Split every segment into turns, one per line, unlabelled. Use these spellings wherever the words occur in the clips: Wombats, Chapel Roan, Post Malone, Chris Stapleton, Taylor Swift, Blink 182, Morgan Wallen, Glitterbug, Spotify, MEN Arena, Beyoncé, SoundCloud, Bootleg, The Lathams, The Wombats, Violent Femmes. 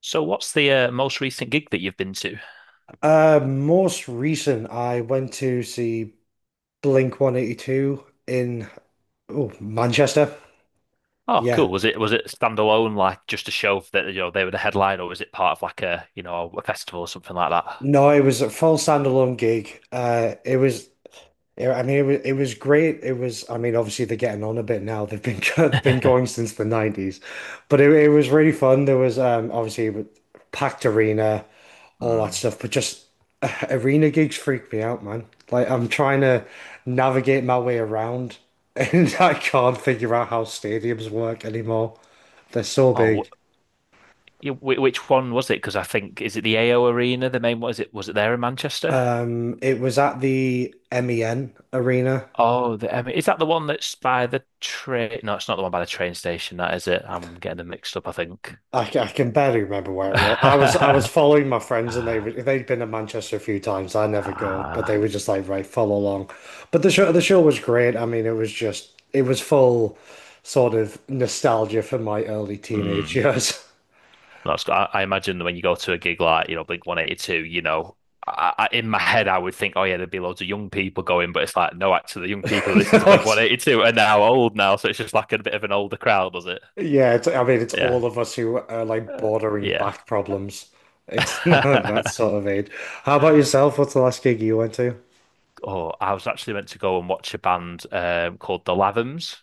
So, what's the most recent gig that you've been to?
Most recent, I went to see Blink 182 in oh, Manchester.
Oh,
Yeah.
cool. Was it standalone, like just a show that you know they were the headline, or was it part of like a you know a festival or something like
No, it was a full standalone gig. It was Yeah, I mean, it was great. It was, I mean, obviously they're getting on a bit now. They've been They've been
that?
going since the 90s, but it was really fun. There was Obviously it was packed arena, all that
Hmm.
stuff. But just Arena gigs freak me out, man. Like I'm trying to navigate my way around, and I can't figure out how stadiums work anymore. They're so
Oh,
big.
wh you- wh- which one was it? Because I think is it the AO Arena, the main one? Is it was it there in Manchester?
It was at the MEN Arena.
Oh, the, I mean, is that the one that's by the train? No, it's not the one by the train station. That is it. I'm getting them mixed up, I think.
I can barely remember where it was. I was following my friends, and they'd been to Manchester a few times. I never go, but they
Ah,
were just like, right, follow along. But the show was great. I mean, it was full sort of nostalgia for my early teenage
hmm.
years.
That's I imagine that when you go to a gig like, you know, Blink 182, in my head I would think, oh yeah, there'd be loads of young people going, but it's like, no, actually, the young people who listen to
No,
Blink 182 are now old now, so it's just like a bit of an older crowd, was it?
yeah, I mean, it's
Yeah,
all of us who are like
uh,
bordering
yeah.
back problems. It's not that sort of age. How about yourself? What's the last gig you went to?
Oh, I was actually meant to go and watch a band called The Lathams.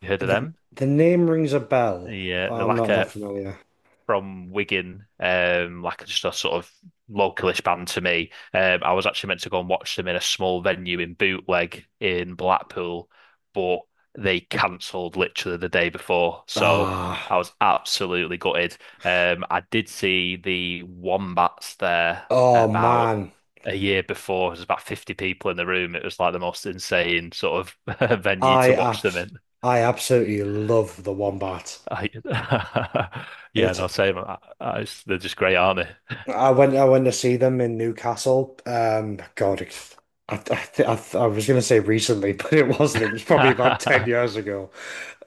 You heard of
The
them?
the name rings a bell,
Yeah,
but
they're
I'm
like
not that
a
familiar.
from Wigan, like just a sort of localish band to me. I was actually meant to go and watch them in a small venue in Bootleg in Blackpool, but they cancelled literally the day before. So I
Ah.
was absolutely gutted. I did see the Wombats there
Oh
about
man,
a year before. There was about 50 people in the room. It was like the most insane sort of venue
I
to watch them
abs
in.
I absolutely love the Wombat.
I, yeah,
It's
no, same. It's- they're just great, aren't they?
I went to see them in Newcastle. God, I I, I was gonna say recently, but it wasn't. It was probably about ten years ago.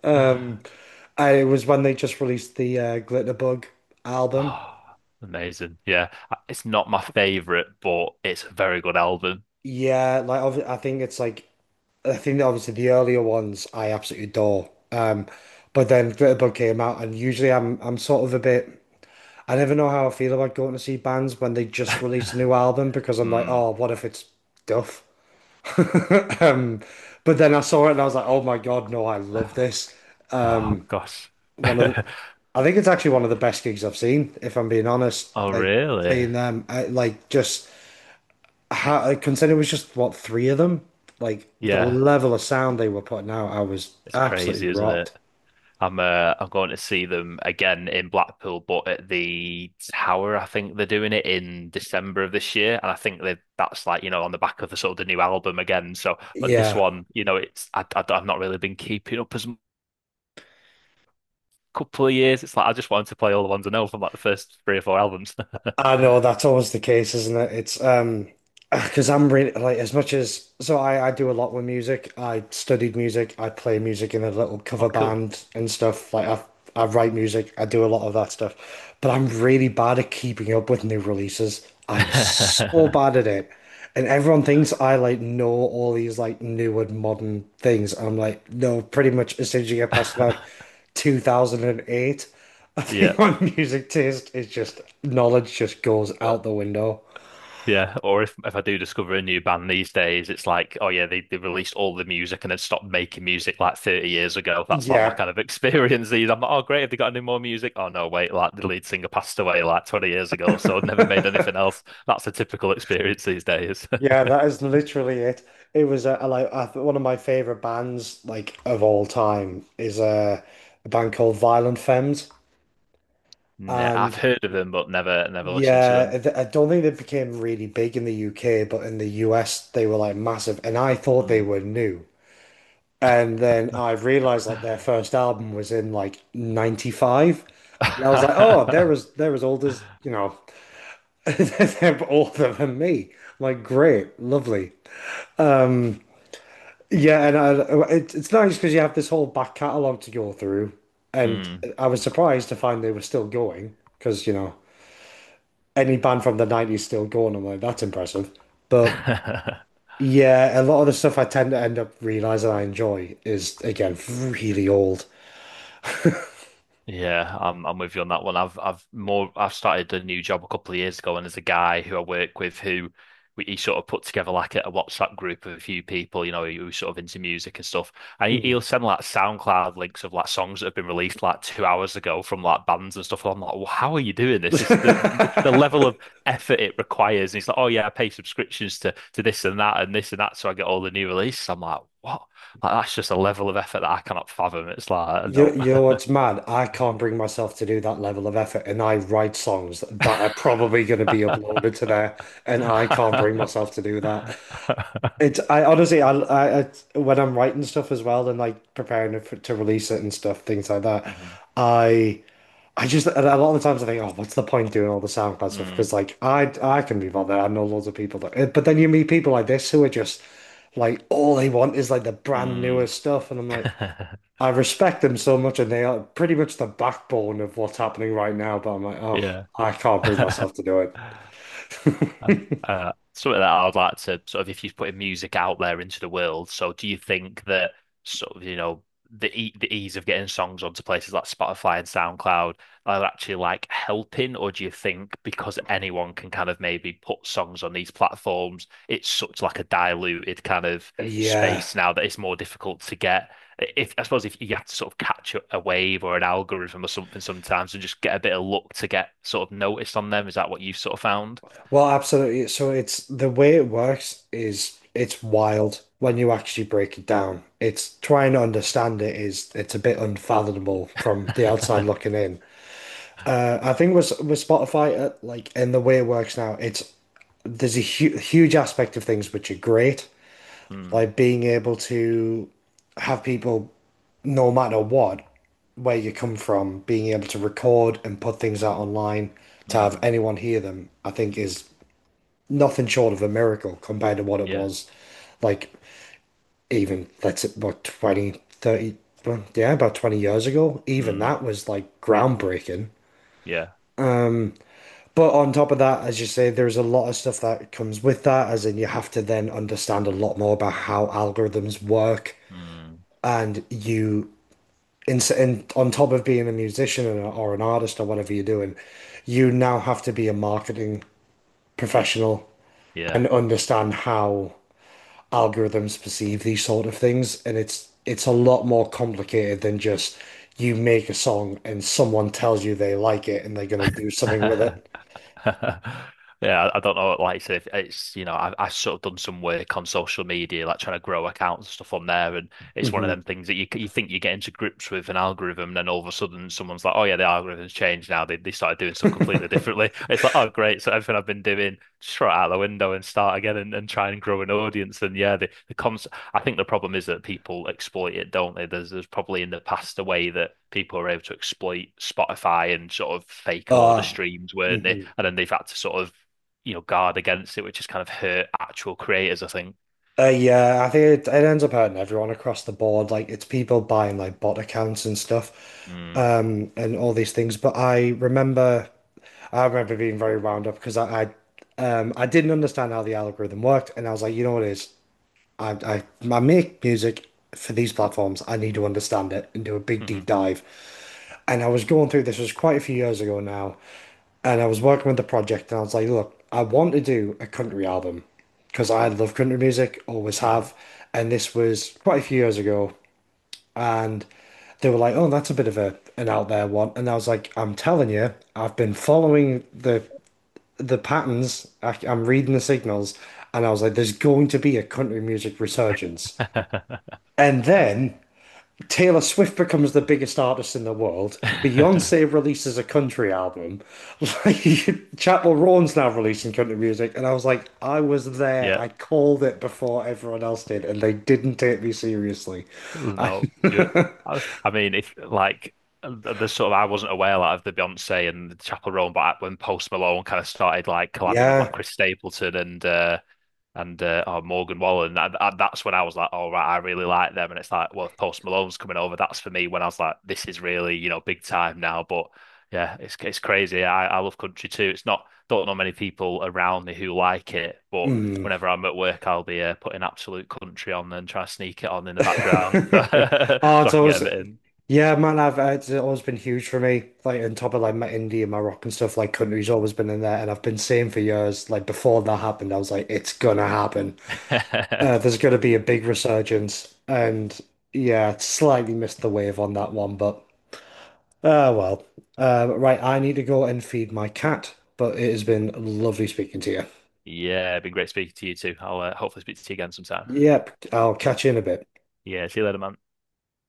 Um, it was when they just released the Glitterbug album.
Oh, amazing. Yeah. It's not my favorite, but it's a very good album.
Yeah, I think it's like I think that obviously the earlier ones I absolutely adore. But then Glitterbug came out, and usually I'm sort of a bit. I never know how I feel about going to see bands when they just release a new album, because I'm like,
Hmm.
oh, what if it's duff? Um, but then I saw it and I was like, oh my God, no, I love this.
Oh, gosh.
One of the, I think it's actually one of the best gigs I've seen, if I'm being honest.
Oh,
Like
really?
seeing them, like just how, I consider it was just what, three of them. Like the
Yeah.
level of sound they were putting out, I was
It's
absolutely
crazy, isn't it?
rocked.
I'm going to see them again in Blackpool, but at the Tower, I think they're doing it in December of this year, and I think they that's like you know on the back of the sort of the new album again. So, but this
Yeah,
one, you know, it's I've not really been keeping up as couple of years. It's like I just wanted to play all the ones I know from like the first three or four albums.
I know that's always the case, isn't it? It's Because I'm really like, as much as, so I do a lot with music. I studied music. I play music in a little
Oh,
cover
cool.
band and stuff. Like I write music. I do a lot of that stuff. But I'm really bad at keeping up with new releases. I'm so bad at it. And everyone thinks I like know all these like new and modern things. I'm like, no, pretty much as soon as you get past about 2008, I
Yeah.
think my music taste is just knowledge just goes out the window.
Yeah, or if I do discover a new band these days, it's like, oh yeah, they released all the music and then stopped making music like 30 years ago. That's like my
Yeah.
kind of experience these. I'm like, oh great, have they got any more music? Oh no, wait, like the lead singer passed away like 20 years ago, so I've never made anything else. That's a typical experience these days.
Yeah, that is literally it. It was like I th One of my favorite bands like of all time is a band called Violent Femmes,
Nah, I've
and
heard of them, but never listened to them.
yeah, I don't think they became really big in the UK, but in the US they were like massive, and I thought they were new, and then I realized that their
Hmm.
first album was in like '95, and I was like, oh, they're as they're as old as, you know, they're older than me. I'm like, great, lovely. um. Yeah, and it's nice, because you have this whole back catalogue to go through, and
Hmm.
I was surprised to find they were still going, because, you know, any band from the 90s still going. I'm like, that's impressive. But yeah, a lot of the stuff I tend to end up realizing I enjoy is again really old.
Yeah, I'm with you on that one. I've started a new job a couple of years ago, and there's a guy who I work with who he sort of put together like a WhatsApp group of a few people, who, sort of into music and stuff. And
Mm.
he'll send like SoundCloud links of like songs that have been released like 2 hours ago from like bands and stuff. And I'm like, well, how are you doing this? It's the level of effort it requires. And he's like, oh yeah, I pay subscriptions to this and that and this and that, so I get all the new releases. I'm like, what? Like, that's just a level of effort that I cannot fathom. It's like,
You,
no.
you know what's mad? I can't bring myself to do that level of effort, and I write songs that are probably going to be uploaded to there, and I can't bring myself to do that. It's I honestly, I when I'm writing stuff as well, and like preparing it to release it, and stuff things like
Mhm.
that,
Mm-hmm.
I I just, and a lot of the times I think, oh, what's the point doing all the SoundCloud stuff, because like I can be bothered, I know loads of people that eh, but then you meet people like this who are just like, all they want is like the brand
Mm.
newest stuff, and I'm like,
Mm.
I respect them so much, and they are pretty much the backbone of what's happening right now, but I'm like, oh,
Yeah.
I can't bring myself to do
Oh.
it.
Something that I would like to sort of if you're putting music out there into the world. So do you think that sort of, you know, the e the ease of getting songs onto places like Spotify and SoundCloud are actually like helping, or do you think because anyone can kind of maybe put songs on these platforms, it's such like a diluted kind of
Yeah.
space now that it's more difficult to get if I suppose if you have to sort of catch a wave or an algorithm or something sometimes and just get a bit of luck to get sort of noticed on them, is that what you've sort of found?
Well, absolutely. So it's, the way it works is, it's wild when you actually break it down. It's trying to understand it is, it's a bit unfathomable from the outside looking in. I think with Spotify, like in the way it works now, it's there's a hu huge aspect of things which are great,
Hmm.
like being able to have people, no matter what, where you come from, being able to record and put things out online to have
Mm,
anyone hear them, I think, is nothing short of a miracle compared to what it
yeah.
was like, even let's say about 20, 30. Well, yeah, about 20 years ago, even
Mm,
that was like groundbreaking.
yeah.
But on top of that, as you say, there's a lot of stuff that comes with that, as in, you have to then understand a lot more about how algorithms work,
Mm,
and you, on top of being a musician, or an artist, or whatever you're doing, you now have to be a marketing professional, and
yeah.
understand how algorithms perceive these sort of things, and it's a lot more complicated than just, you make a song and someone tells you they like it, and they're gonna do something with it.
Yeah, I don't know. Like I said, if it's you know, I sort of done some work on social media, like trying to grow accounts and stuff on there, and it's one of
Hmm.
them things that you c- you think you get into grips with an algorithm, and then all of a sudden someone's like, oh yeah, the algorithm's changed now. They started doing stuff completely differently. It's like, oh great, so everything I've been doing, just throw it out the window and start again and try and grow an audience. And yeah, the concept I think the problem is that people exploit it, don't they? There's probably in the past a way that people are able to exploit Spotify and sort of fake a load of
Uh,
streams, weren't they?
hmm
And then they've had to sort of, you know, guard against it, which has kind of hurt actual creators, I think.
Yeah, I think it ends up hurting everyone across the board. Like it's people buying like bot accounts and stuff,
Mm.
and all these things. But I remember being very wound up, because I didn't understand how the algorithm worked, and I was like, you know what it is? I, I, I make music for these platforms. I need to understand it and do a big deep
Mm-hmm.
dive. And I was going through, this was quite a few years ago now, and I was working with the project, and I was like, look, I want to do a country album, because I love country music, always have, and this was quite a few years ago, and they were like, oh, that's a bit of a an out there one, and I was like, I'm telling you, I've been following the patterns, I'm reading the signals, and I was like, there's going to be a country music resurgence.
Mm-hmm.
And then Taylor Swift becomes the biggest artist in the world. Beyonce releases a country album. Like Chapel Roan's now releasing country music. And I was like, I was there.
Yeah.
I called it before everyone else did, and they didn't take me seriously. I-
No. Yeah. I mean, if like the sort of I wasn't aware like, of the Beyonce and the Chapel Roan, but when Post Malone kind of started like collabing with
yeah.
like Chris Stapleton and oh, Morgan Wallen. And that's when I was like, all oh, right, I really like them. And it's like, well, Post Malone's coming over. That's for me when I was like, this is really, you know, big time now. But yeah, it's crazy. I love country too. It's not, don't know many people around me who like it, but
Mm.
whenever I'm at work, I'll be putting absolute country on and try to sneak it on in the background so,
Oh,
so
it's
I can get a
always,
bit in.
yeah, man. I've It's always been huge for me. Like on top of like my India, my rock and stuff. Like country's always been in there, and I've been saying for years. Like before that happened, I was like, it's gonna happen. There's gonna be a big resurgence, and yeah, slightly missed the wave on that one, but well. Right, I need to go and feed my cat. But it has been lovely speaking to you.
Yeah, been great speaking to you too. I'll hopefully speak to you again sometime.
Yep, I'll
Yeah.
catch you in a bit.
Yeah. See you later, man.